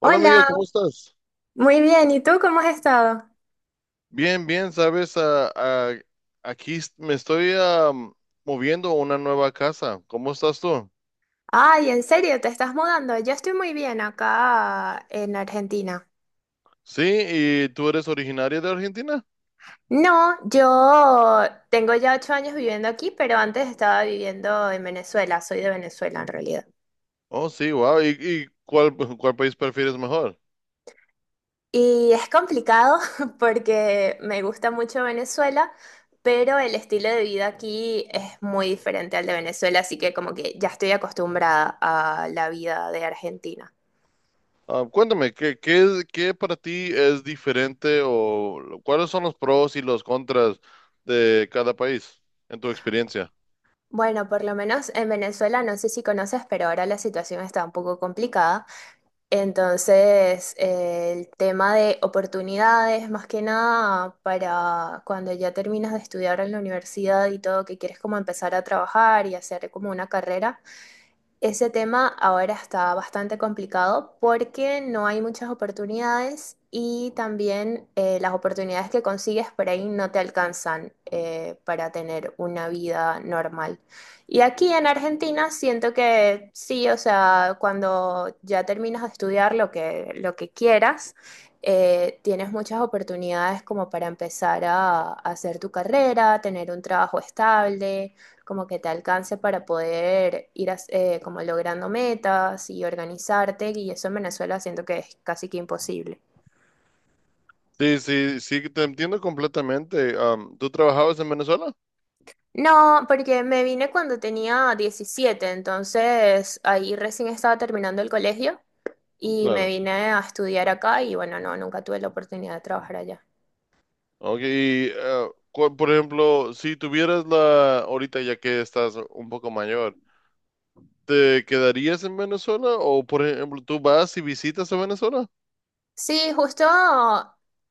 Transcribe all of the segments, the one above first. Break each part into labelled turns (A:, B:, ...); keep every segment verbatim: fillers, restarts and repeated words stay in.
A: Hola amiga,
B: Hola,
A: ¿cómo estás?
B: muy bien. ¿Y tú cómo has estado?
A: Bien, bien, sabes, Ah, ah, aquí est- me estoy am, moviendo a una nueva casa. ¿Cómo estás tú?
B: Ay, ¿en serio te estás mudando? Yo estoy muy bien acá en Argentina.
A: Sí, ¿y tú eres originaria de Argentina?
B: No, yo tengo ya ocho años viviendo aquí, pero antes estaba viviendo en Venezuela. Soy de Venezuela en realidad.
A: Oh, sí, wow. ¿Y, y cuál, cuál país prefieres mejor?
B: Y es complicado porque me gusta mucho Venezuela, pero el estilo de vida aquí es muy diferente al de Venezuela, así que como que ya estoy acostumbrada a la vida de Argentina.
A: Ah, cuéntame, ¿qué, qué, es- qué para ti es diferente o lo- cuáles son los pros y los contras de cada país en tu experiencia?
B: Bueno, por lo menos en Venezuela, no sé si conoces, pero ahora la situación está un poco complicada. Entonces, eh, el tema de oportunidades, más que nada, para cuando ya terminas de estudiar en la universidad y todo, que quieres como empezar a trabajar y hacer como una carrera. Ese tema ahora está bastante complicado porque no hay muchas oportunidades y también eh, las oportunidades que consigues por ahí no te alcanzan eh, para tener una vida normal. Y aquí en Argentina siento que sí, o sea, cuando ya terminas de estudiar lo que, lo que quieras, eh, tienes muchas oportunidades como para empezar a a hacer tu carrera, tener un trabajo estable como que te alcance para poder ir as- eh, como logrando metas y organizarte, y eso en Venezuela siento que es casi que imposible.
A: Sí, sí, sí, te entiendo completamente. Am, ¿tú trabajabas en Venezuela?
B: No, porque me vine cuando tenía diecisiete, entonces ahí recién estaba terminando el colegio y me
A: Claro.
B: vine a estudiar acá y bueno, no, nunca tuve la oportunidad de trabajar allá.
A: Ok, y, eh, cu- por ejemplo, si tuvieras la, ahorita ya que estás un poco mayor, ¿te quedarías en Venezuela o, por ejemplo, tú vas y visitas a Venezuela?
B: Sí, justo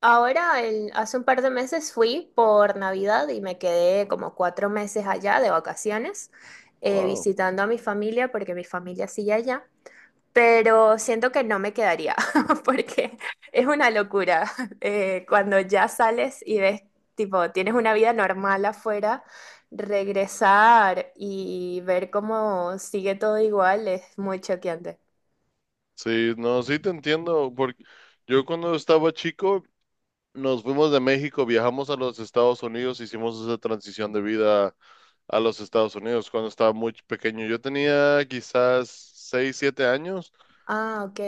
B: ahora, el- hace un par de meses fui por Navidad y me quedé como cuatro meses allá de vacaciones, eh,
A: Wow.
B: visitando a mi familia porque mi familia sigue allá, pero siento que no me quedaría porque es una locura. Eh, cuando ya sales y ves, tipo, tienes una vida normal afuera, regresar y ver cómo sigue todo igual es muy choqueante.
A: Sí, no, sí te entiendo, porque yo cuando estaba chico, nos fuimos de México, viajamos a los Estados Unidos, hicimos esa transición de vida a los Estados Unidos cuando estaba muy pequeño. Yo tenía quizás seis, siete años.
B: Ah, ok.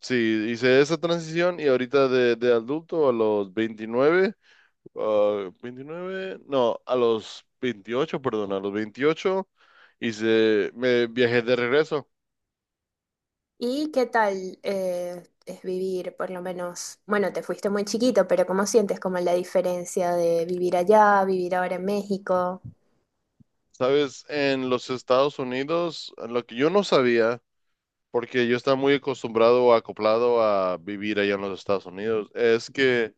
A: Sí, hice esa transición y ahorita de, de adulto a los veintinueve. Ah, veintinueve, no, a los veintiocho, perdón, a los veintiocho hice, me viajé de regreso.
B: ¿Y qué tal eh, es vivir, por lo menos, bueno, te fuiste muy chiquito, pero cómo sientes como la diferencia de vivir allá, vivir ahora en México?
A: Sabes, en los Estados Unidos, lo que yo no sabía, porque yo estaba muy acostumbrado o acoplado a vivir allá en los Estados Unidos, es que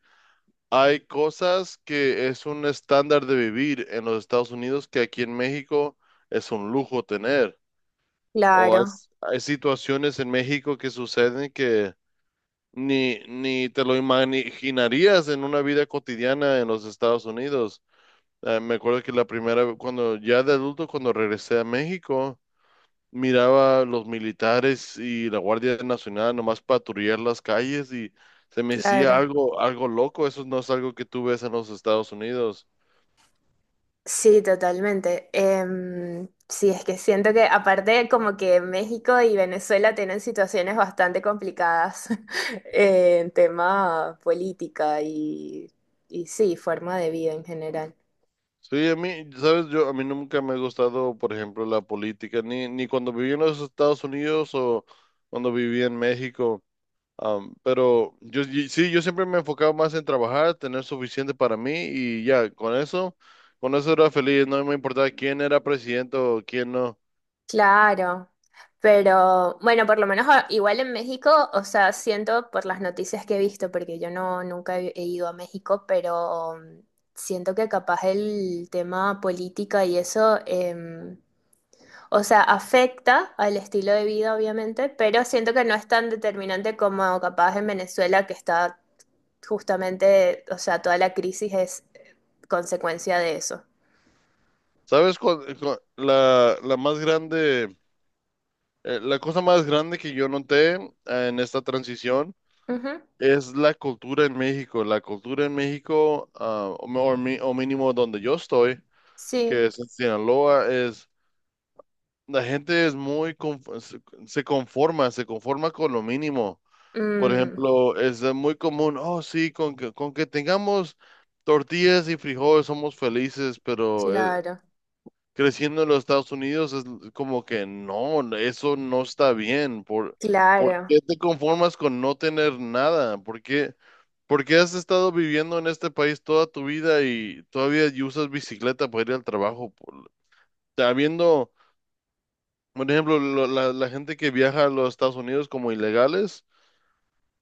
A: hay cosas que es un estándar de vivir en los Estados Unidos que aquí en México es un lujo tener. O hay,
B: Claro,
A: hay situaciones en México que suceden que ni, ni te lo imaginarías en una vida cotidiana en los Estados Unidos. Eh, me acuerdo que la primera, vez- cuando ya de adulto, cuando regresé a México, miraba los militares y la Guardia Nacional nomás patrullar las calles y se me hacía
B: claro.
A: algo, algo loco. Eso no es algo que tú ves en los Estados Unidos.
B: Sí, totalmente. Em, sí, es que siento que aparte como que México y Venezuela tienen situaciones bastante complicadas en tema política y, y sí, forma de vida en general.
A: Sí, a mí, sabes, yo, a mí nunca me ha gustado, por ejemplo, la política, ni, ni cuando viví en los Estados Unidos o cuando viví en México. Am, pero yo y- sí, yo siempre me enfocaba más en trabajar, tener suficiente para mí y ya, con eso, con eso, era feliz, no me importaba quién era presidente o quién no.
B: Claro, pero bueno, por lo menos a- igual en México, o sea, siento por las noticias que he visto, porque yo no nunca he he ido a México, pero mm, siento que capaz el tema política y eso, em, o sea, afecta al estilo de vida, obviamente, pero siento que no es tan determinante como capaz en Venezuela, que está justamente, o sea, toda la crisis es eh, consecuencia de eso.
A: ¿Sabes cuál, cu- la, la más grande, eh, la cosa más grande que yo noté eh, en esta transición?
B: Ujú.
A: Es la cultura en México. La cultura en México, ah, o, o mi- o mínimo donde yo estoy,
B: Sí.
A: que es en Sinaloa, es, la gente es muy, conf- se se conforma, se conforma con lo mínimo. Por
B: Mm,
A: ejemplo, es de muy común, oh sí, con que, con que tengamos tortillas y frijoles somos felices, pero eh,
B: claro,
A: creciendo en los Estados Unidos es como que no, eso no está bien. ¿Por, por
B: claro.
A: qué te conformas con no tener nada? ¿Por qué, por qué has estado viviendo en este país toda tu vida y todavía y usas bicicleta para ir al trabajo? Por, habiendo, por ejemplo, lo- la, la gente que viaja a los Estados Unidos como ilegales.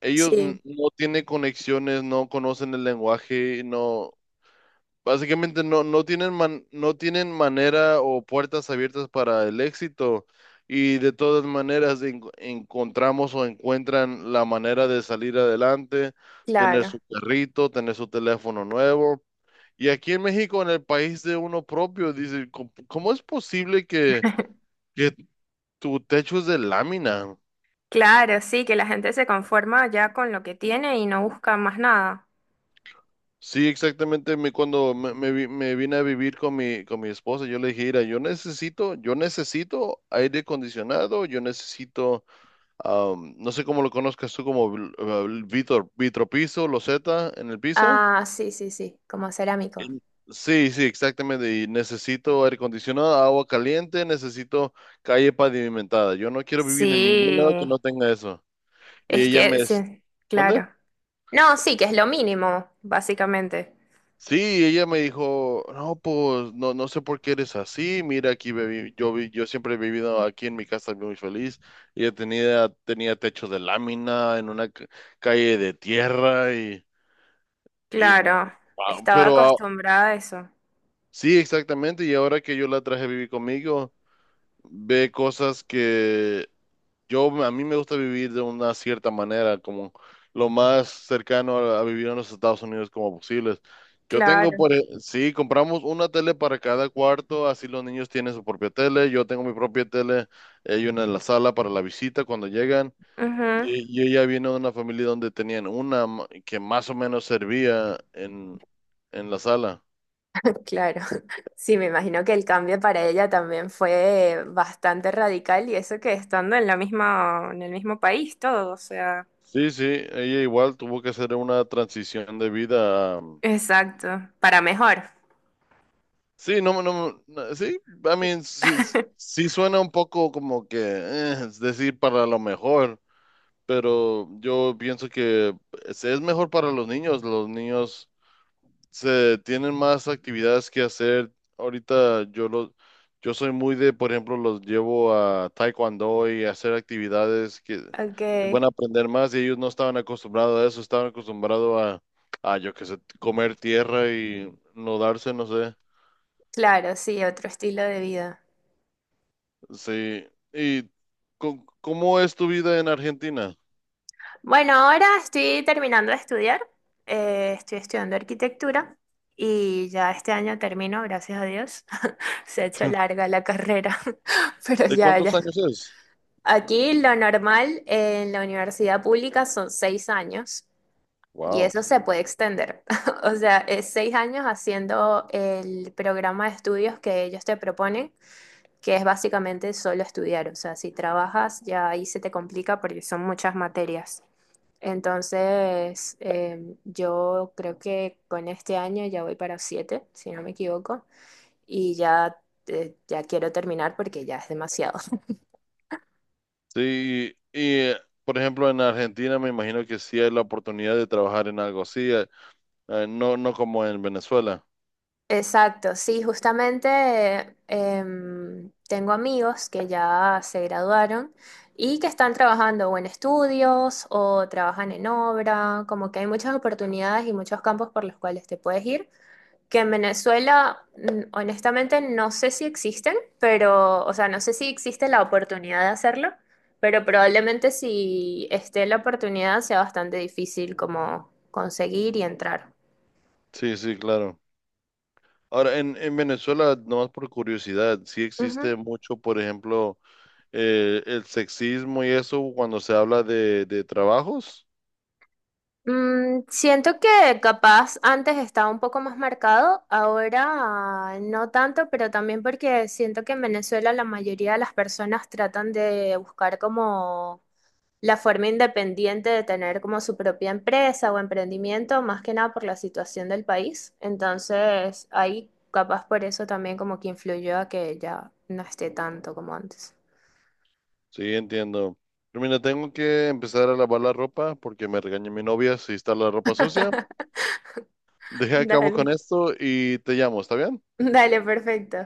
A: Ellos
B: Sí,
A: n- no tienen conexiones, no conocen el lenguaje, no, básicamente no, no tienen man- no tienen manera o puertas abiertas para el éxito. Y de todas maneras en- encontramos o encuentran la manera de salir adelante, tener
B: claro.
A: su perrito, tener su teléfono nuevo. Y aquí en México, en el país de uno propio, dice: "¿Cómo cómo es posible que, que, tu techo es de lámina?".
B: Claro, sí, que la gente se conforma ya con lo que tiene y no busca más nada.
A: Sí, exactamente. Me, cuando me, me vi- me vine a vivir con mi, con mi esposa, yo le dije, mira, yo necesito, yo necesito aire acondicionado, yo necesito, am, no sé cómo lo conozcas tú, como vil- eh, vitro, vitropiso, loseta en el piso.
B: Ah, sí, sí, sí, como cerámico.
A: En- Sí, sí, exactamente. Y necesito aire acondicionado, agua caliente, necesito calle pavimentada. Yo no quiero vivir en ningún
B: Sí,
A: lado que no tenga eso. Y
B: es
A: ella me,
B: que, sí,
A: ¿mande?
B: claro. No, sí, que es lo mínimo, básicamente.
A: Sí, ella me dijo: no, pues no, no sé por qué eres así, mira, aquí viví- yo, vi- yo siempre he vivido aquí en mi casa muy feliz. Ella tenía, tenía techo de lámina en una ca- calle de tierra y, y wo-
B: Claro,
A: wow,
B: estaba
A: pero ah,
B: acostumbrada a eso.
A: sí, exactamente. Y ahora que yo la traje a vivir conmigo, ve cosas que Yo, a mí me gusta vivir de una cierta manera, como lo más cercano a, a, vivir en los Estados Unidos como posible. Yo tengo,
B: Claro.
A: por, e- Sí, compramos una tele para cada cuarto, así los niños tienen su propia tele, yo tengo mi propia tele, hay una en la sala para la visita cuando llegan.
B: Ujú.
A: Y yo ya vino de una familia donde tenían una ma- que más o menos servía en, en la sala.
B: Claro, sí, me imagino que el cambio para ella también fue bastante radical y eso que estando en la misma, en el mismo país, todo, o sea.
A: Sí, sí, ella igual tuvo que hacer una transición de vida.
B: Exacto, para mejor.
A: Sí, no, no, no, sí, I mean, sí, sí suena un poco como que, eh, es decir, para lo mejor, pero yo pienso que es, es mejor para los niños, los niños se tienen más actividades que hacer. Ahorita yo los, yo soy muy de, por ejemplo, los llevo a taekwondo y a hacer actividades que,
B: Ok,
A: que van a aprender más y ellos no estaban acostumbrados a eso, estaban acostumbrados a, a, yo qué sé, comer tierra y no darse, no sé.
B: claro, sí, otro estilo de vida.
A: Sí. ¿Y co- cómo es tu vida en Argentina?
B: Bueno, ahora estoy terminando de estudiar, eh, estoy estudiando arquitectura y ya este año termino, gracias a Dios. Se ha hecho larga la carrera, pero
A: ¿De
B: ya,
A: cuántos
B: ya.
A: años es?
B: Aquí lo normal en la universidad pública son seis años y
A: Wow.
B: eso se puede extender. O sea, es seis años haciendo el programa de estudios que ellos te proponen, que es básicamente solo estudiar. O sea, si trabajas ya ahí se te complica porque son muchas materias. Entonces, eh, yo creo que con este año ya voy para siete, si no me equivoco, y ya, eh, ya quiero terminar porque ya es demasiado.
A: Sí, y eh, por ejemplo en Argentina me imagino que sí hay la oportunidad de trabajar en algo así, eh, eh, no, no como en Venezuela.
B: Exacto, sí, justamente eh, em, tengo amigos que ya se graduaron y que están trabajando o en estudios o trabajan en obra, como que hay muchas oportunidades y muchos campos por los cuales te puedes ir, que en Venezuela, mm, honestamente, no sé si existen, pero, o sea, no sé si existe la oportunidad de hacerlo, pero probablemente si esté la oportunidad sea bastante difícil como conseguir y entrar.
A: Sí, sí, claro. Ahora, en, en Venezuela, nomás por curiosidad, sí
B: Ujú.
A: existe mucho, por ejemplo, eh, el sexismo y eso cuando se habla de, de trabajos.
B: Mm, siento que capaz antes estaba un poco más marcado, ahora no tanto, pero también porque siento que en Venezuela la mayoría de las personas tratan de buscar como la forma independiente de tener como su propia empresa o emprendimiento, más que nada por la situación del país. Entonces, ahí capaz por eso también como que influyó a que ya no esté tanto como antes.
A: Sí, entiendo. Pero mira, tengo que empezar a lavar la ropa porque me regaña mi novia si está la ropa sucia. Deja a cabo con
B: Dale.
A: esto y te llamo, ¿está bien?
B: Dale, perfecto.